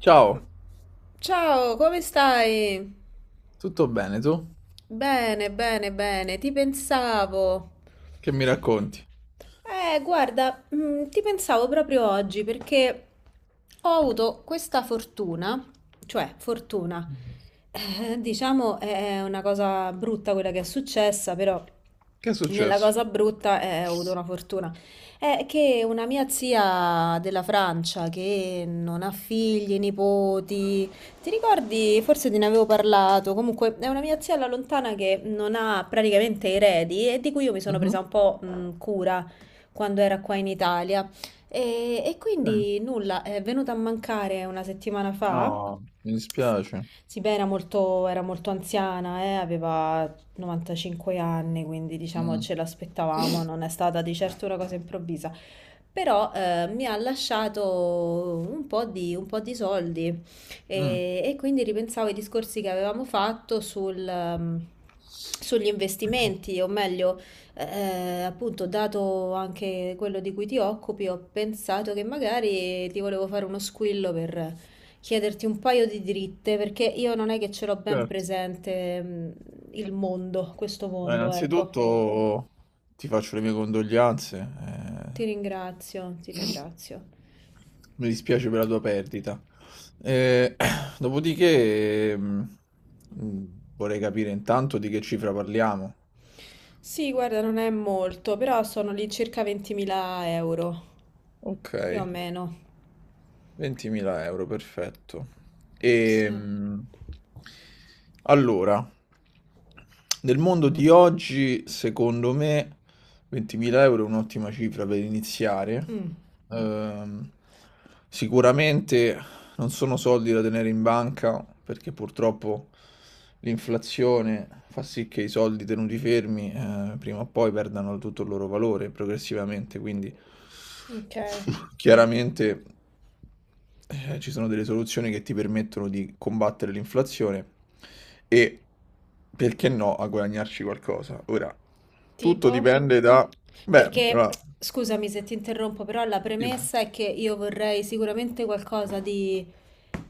Ciao, Ciao, come stai? tutto bene tu? Bene, bene, bene, ti pensavo. Che mi racconti? Guarda, ti pensavo proprio oggi perché ho avuto questa fortuna, cioè fortuna, diciamo è una cosa brutta quella che è successa, però Che è nella successo? cosa brutta ho avuto una fortuna. È che una mia zia della Francia che non ha figli, nipoti, ti ricordi? Forse te ne avevo parlato. Comunque, è una mia zia alla lontana che non ha praticamente eredi e di cui io mi sono presa Mhm, un po' cura quando era qua in Italia. E ok. quindi nulla, è venuta a mancare una settimana fa. No, mi dispiace. Sì, beh, era molto anziana, aveva 95 anni, quindi diciamo Mm. ce l'aspettavamo, non è stata di certo una cosa improvvisa. Però mi ha lasciato un po' di soldi Mm, e quindi ripensavo ai discorsi che avevamo fatto sugli investimenti, o meglio, appunto, dato anche quello di cui ti occupi, ho pensato che magari ti volevo fare uno squillo per chiederti un paio di dritte perché io non è che ce l'ho ben certo. presente, il mondo, questo Allora, mondo, ecco. innanzitutto ti faccio le mie condoglianze. Ti eh, ringrazio, ti ringrazio. mi dispiace per la tua perdita. Eh, Dopodiché, vorrei capire intanto di che cifra parliamo. Sì, guarda, non è molto, però sono lì circa 20.000 euro, Ok. più o meno. 20.000 euro, perfetto. Sì. Ehm, allora, nel mondo di oggi, secondo me, 20.000 euro è un'ottima cifra per iniziare. Mm, Ehm, sicuramente non sono soldi da tenere in banca perché purtroppo l'inflazione fa sì che i soldi tenuti fermi, prima o poi perdano tutto il loro valore progressivamente, quindi ok. chiaramente, ci sono delle soluzioni che ti permettono di combattere l'inflazione e, perché no, a guadagnarci qualcosa. Ora, tutto Tipo? dipende da. Beh, Perché, allora, scusami se ti interrompo, però la sì, premessa è che io vorrei sicuramente qualcosa di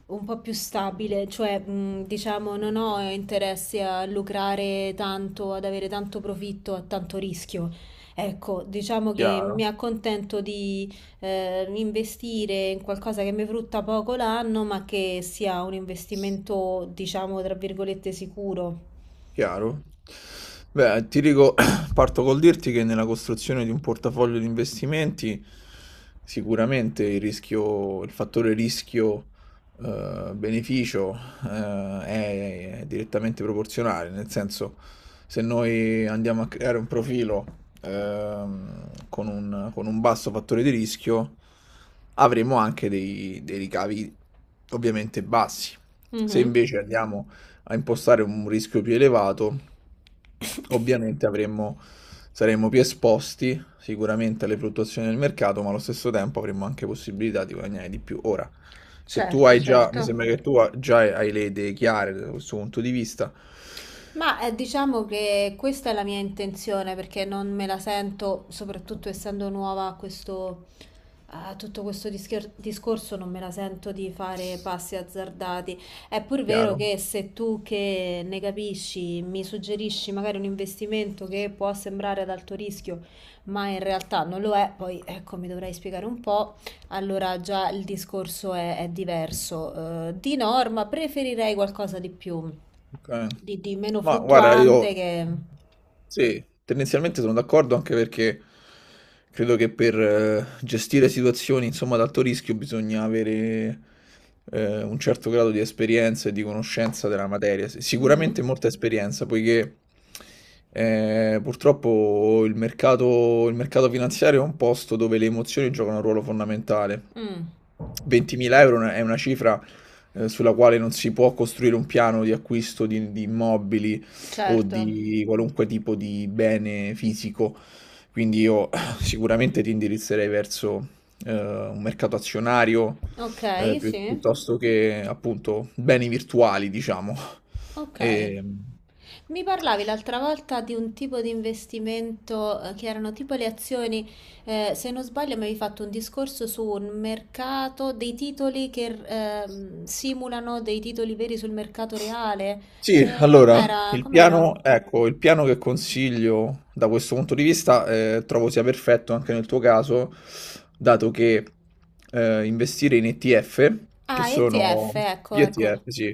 un po' più stabile, cioè, diciamo, non ho interessi a lucrare tanto, ad avere tanto profitto, a tanto rischio. Ecco, diciamo che mi chiaro. accontento di investire in qualcosa che mi frutta poco l'anno, ma che sia un investimento, diciamo, tra virgolette, sicuro. Chiaro. Beh, ti dico, parto col dirti che nella costruzione di un portafoglio di investimenti sicuramente il rischio, il fattore rischio beneficio eh, è direttamente proporzionale, nel senso se noi andiamo a creare un profilo con un basso fattore di rischio avremo anche dei ricavi ovviamente bassi. Se Mhm. invece andiamo a impostare un rischio più elevato, ovviamente avremmo, saremmo più esposti sicuramente alle fluttuazioni del mercato, ma allo stesso tempo avremmo anche possibilità di guadagnare di più. Ora, se tu Certo, hai già, mi certo. sembra che tu già hai le idee chiare da questo punto di vista, Ma diciamo che questa è la mia intenzione perché non me la sento, soprattutto essendo nuova a questo, tutto questo discorso non me la sento di fare passi azzardati. È pur vero chiaro? che se tu che ne capisci mi suggerisci magari un investimento che può sembrare ad alto rischio, ma in realtà non lo è, poi ecco mi dovrai spiegare un po', allora già il discorso è diverso. Di norma preferirei qualcosa di più, Ok. di meno Ma guarda, fluttuante io che... sì, tendenzialmente sono d'accordo anche perché credo che per gestire situazioni, insomma, ad alto rischio bisogna avere un certo grado di esperienza e di conoscenza della materia. Sì, sicuramente Mhm. molta esperienza, poiché purtroppo il mercato finanziario è un posto dove le emozioni giocano un ruolo fondamentale. Mm, 20.000 euro è una cifra sulla quale non si può costruire un piano di acquisto di immobili o certo. di qualunque tipo di bene fisico. Quindi io sicuramente ti indirizzerei verso un mercato azionario, Ok, sì. Piuttosto che appunto beni virtuali, diciamo. Ok. E, Mi parlavi l'altra volta di un tipo di investimento che erano tipo le azioni, se non sbaglio mi avevi fatto un discorso su un mercato dei titoli che simulano dei titoli veri sul mercato reale. Sì, Eh, allora, com'era? il Com'era? piano, ecco, il piano che consiglio da questo punto di vista trovo sia perfetto anche nel tuo caso, dato che investire in ETF, che Ah, ETF, sono ecco, gli ecco. ETF, sì,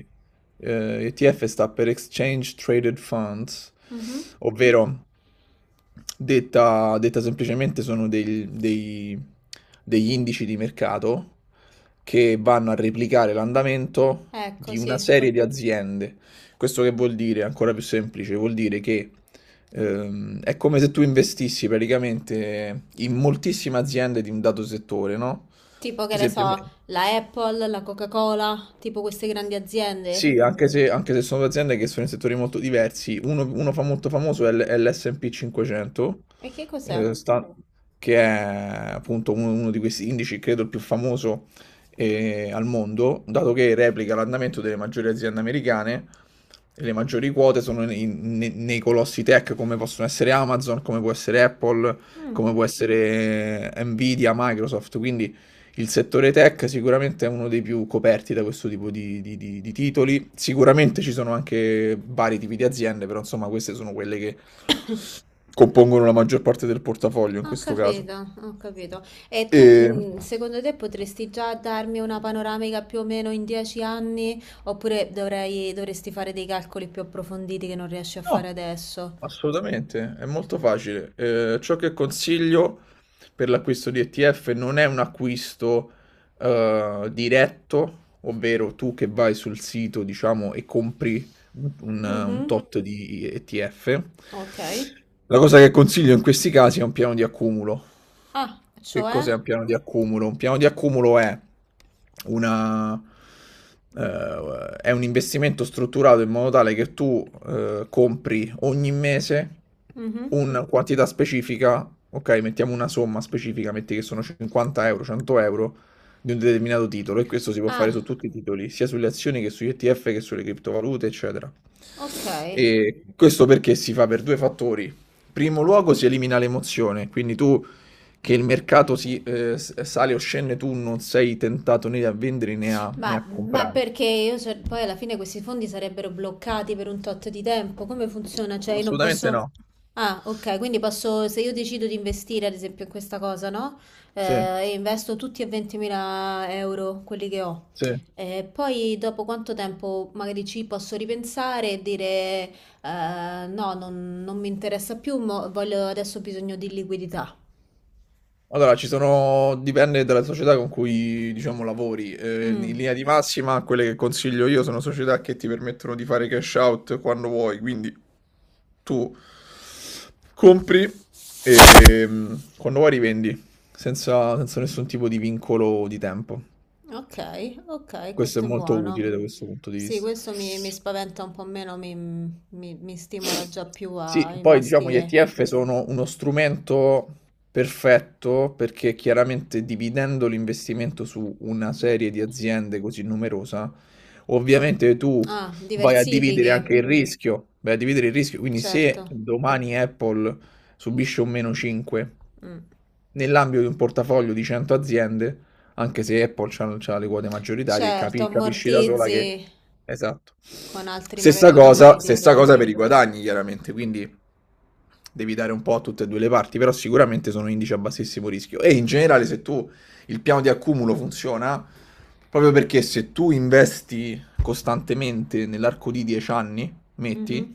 ETF sta per Exchange Traded Funds, Mhm. ovvero detta semplicemente sono degli indici di mercato che vanno a replicare l'andamento Ecco, di una sì. serie di aziende. Questo che vuol dire, ancora più semplice, vuol dire che è come se tu investissi praticamente in moltissime aziende di un dato settore, no? Tipo Per che ne esempio, so, la Apple, la Coca-Cola, tipo queste grandi aziende. sì, anche se sono due aziende che sono in settori molto diversi, uno fa molto famoso è l'S&P 500, E che cos'è? eh, sta- che è appunto uno di questi indici, credo il più famoso al mondo, dato che replica l'andamento delle maggiori aziende americane, e le maggiori quote sono nei colossi tech come possono essere Amazon, come può essere Apple, come può essere Nvidia, Microsoft. Quindi il settore tech sicuramente è uno dei più coperti da questo tipo di titoli. Sicuramente ci sono anche vari tipi di aziende, però insomma queste sono quelle che compongono la maggior parte del portafoglio in Ho questo caso. capito, ho capito. E E... tu, secondo te, potresti già darmi una panoramica più o meno in 10 anni? Oppure dovrei, dovresti fare dei calcoli più approfonditi che non riesci a fare No, adesso? assolutamente, è molto facile. Ciò che consiglio per l'acquisto di ETF non è un acquisto diretto, ovvero tu che vai sul sito, diciamo, e compri un Mhm, tot di ETF. ok. La cosa che consiglio in questi casi è un piano di accumulo. Ah, Che cioè? cos'è un piano di accumulo? Un piano di accumulo è una, un investimento strutturato in modo tale che tu compri ogni mese Mhm. una quantità specifica, ok, mettiamo una somma specifica, metti che sono 50 euro, 100 euro, di un determinato titolo, e questo si può fare su Ah, tutti i titoli, sia sulle azioni che sugli ETF che sulle criptovalute, eccetera. ok. E questo perché si fa per due fattori. Primo luogo, si elimina l'emozione, quindi tu, che il mercato si sale o scende, tu non sei tentato né a vendere né a Ma, comprare. perché io poi alla fine questi fondi sarebbero bloccati per un tot di tempo? Come funziona? Cioè, io non Assolutamente posso. no. Ah, ok, quindi posso, se io decido di investire ad esempio in questa cosa, no? Eh, Sì, e investo tutti e 20.000 euro quelli che ho. sì. Poi dopo quanto tempo magari ci posso ripensare e dire no, non mi interessa più, voglio, adesso ho bisogno di liquidità. Allora, ci sono dipende dalla società con cui, diciamo, lavori. In Mm. linea di massima, quelle che consiglio io sono società che ti permettono di fare cash out quando vuoi, quindi tu compri e, quando vuoi, rivendi, senza nessun tipo di vincolo di tempo. Ok, ok, Questo è questo è molto utile buono. da questo punto di Sì, vista. questo mi spaventa un po' meno, mi stimola già più a Sì, poi diciamo gli investire. ETF sono uno strumento perfetto perché, chiaramente, dividendo l'investimento su una serie di aziende così numerosa, ovviamente tu Ah, vai a dividere diversifichi, anche il rischio, vai a dividere il rischio, quindi se certo. domani Apple subisce un meno 5 Mm. nell'ambito di un portafoglio di 100 aziende, anche se Apple c'ha le quote maggioritarie, Certo, capisci da sola ammortizzi che. Esatto. con altri, magari con altri Stessa titoli. cosa per i guadagni, chiaramente, quindi devi dare un po' a tutte e due le parti, però sicuramente sono indici a bassissimo rischio. E in generale, se tu il piano di accumulo funziona, proprio perché se tu investi costantemente nell'arco di 10 anni, metti, Mhm.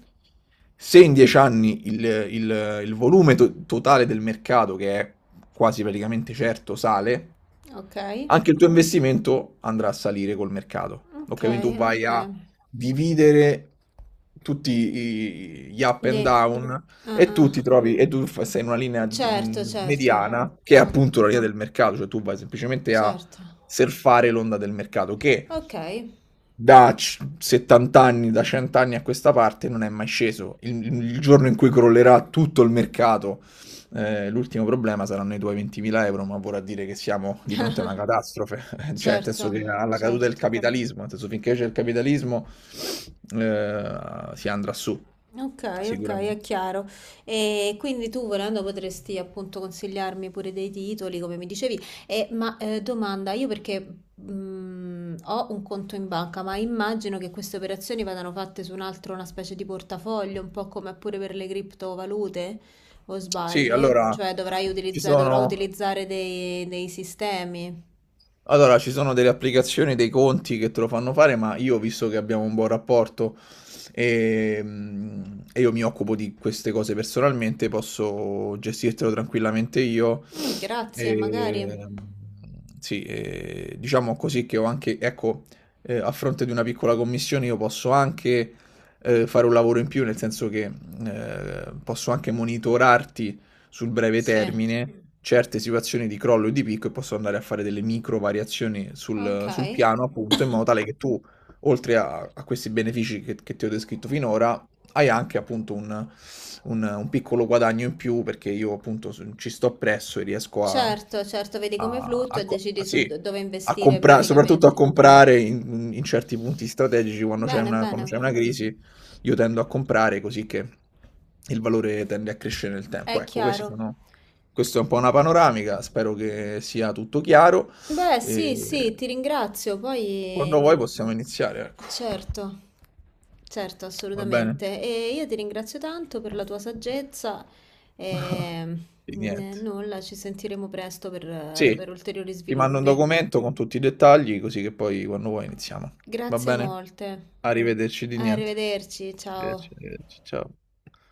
se in 10 anni il volume totale del mercato, che è quasi praticamente certo, sale, Ok, anche il tuo investimento andrà a salire col mercato. Ok, ok, quindi tu vai ok. a dividere tutti gli up and Gli- down, ah, e ah. tu ti trovi, e tu sei in una linea Certo, certo. mediana, che è Oh, appunto la linea del mercato, cioè tu vai semplicemente a certo. surfare l'onda del mercato, che Ok. 70 anni, da 100 anni a questa parte non è mai sceso. Il giorno in cui crollerà tutto il mercato, l'ultimo problema saranno i tuoi 20.000 euro, ma vorrà dire che siamo di fronte a una catastrofe, cioè, nel senso, Certo, che alla caduta del certo. capitalismo, nel senso, finché c'è il capitalismo si andrà su, Ok, ok, è sicuramente. chiaro. E quindi tu volendo potresti appunto consigliarmi pure dei titoli, come mi dicevi. E, ma domanda, io perché ho un conto in banca, ma immagino che queste operazioni vadano fatte su un altro, una specie di portafoglio, un po' come pure per le criptovalute, o Sì, sbaglio? Cioè dovrai ci utilizzare, dovrò sono, utilizzare dei sistemi. allora, ci sono delle applicazioni, dei conti che te lo fanno fare, ma io, visto che abbiamo un buon rapporto e io mi occupo di queste cose personalmente, posso gestirtelo tranquillamente io. Mm, grazie, magari. Ehm, sì, diciamo così, che ho anche, ecco, a fronte di una piccola commissione io posso anche, fare un lavoro in più, nel senso che, posso anche monitorarti sul breve Sì, termine, certe situazioni di crollo e di picco, e posso andare a fare delle micro variazioni ok. sul piano, appunto, in modo tale che tu, oltre a questi benefici che ti ho descritto finora, hai anche appunto un, un piccolo guadagno in più, perché io appunto ci sto presso e riesco a, Certo, certo, vedi come a- fluttua a e co- a- decidi su sì, dove a investire comprare, soprattutto praticamente. a comprare in certi punti strategici, quando c'è Bene, una, bene, quando c'è una crisi, io tendo a comprare, così che il valore tende a crescere nel tempo. è Ecco, questi chiaro. sono, questa è un po' una panoramica, spero che sia tutto chiaro, Beh, sì, e sì, ti ringrazio. quando Poi, vuoi possiamo iniziare, ecco. certo, certo, Va bene? assolutamente. E io ti ringrazio tanto per la tua saggezza e Di niente. nulla, ci sentiremo presto per Sì, ulteriori ti mando un sviluppi. documento con tutti i dettagli, così che poi quando vuoi iniziamo. Va Grazie bene? molte. Arrivederci. Di niente. Arrivederci, ciao. Arrivederci, arrivederci. Ciao.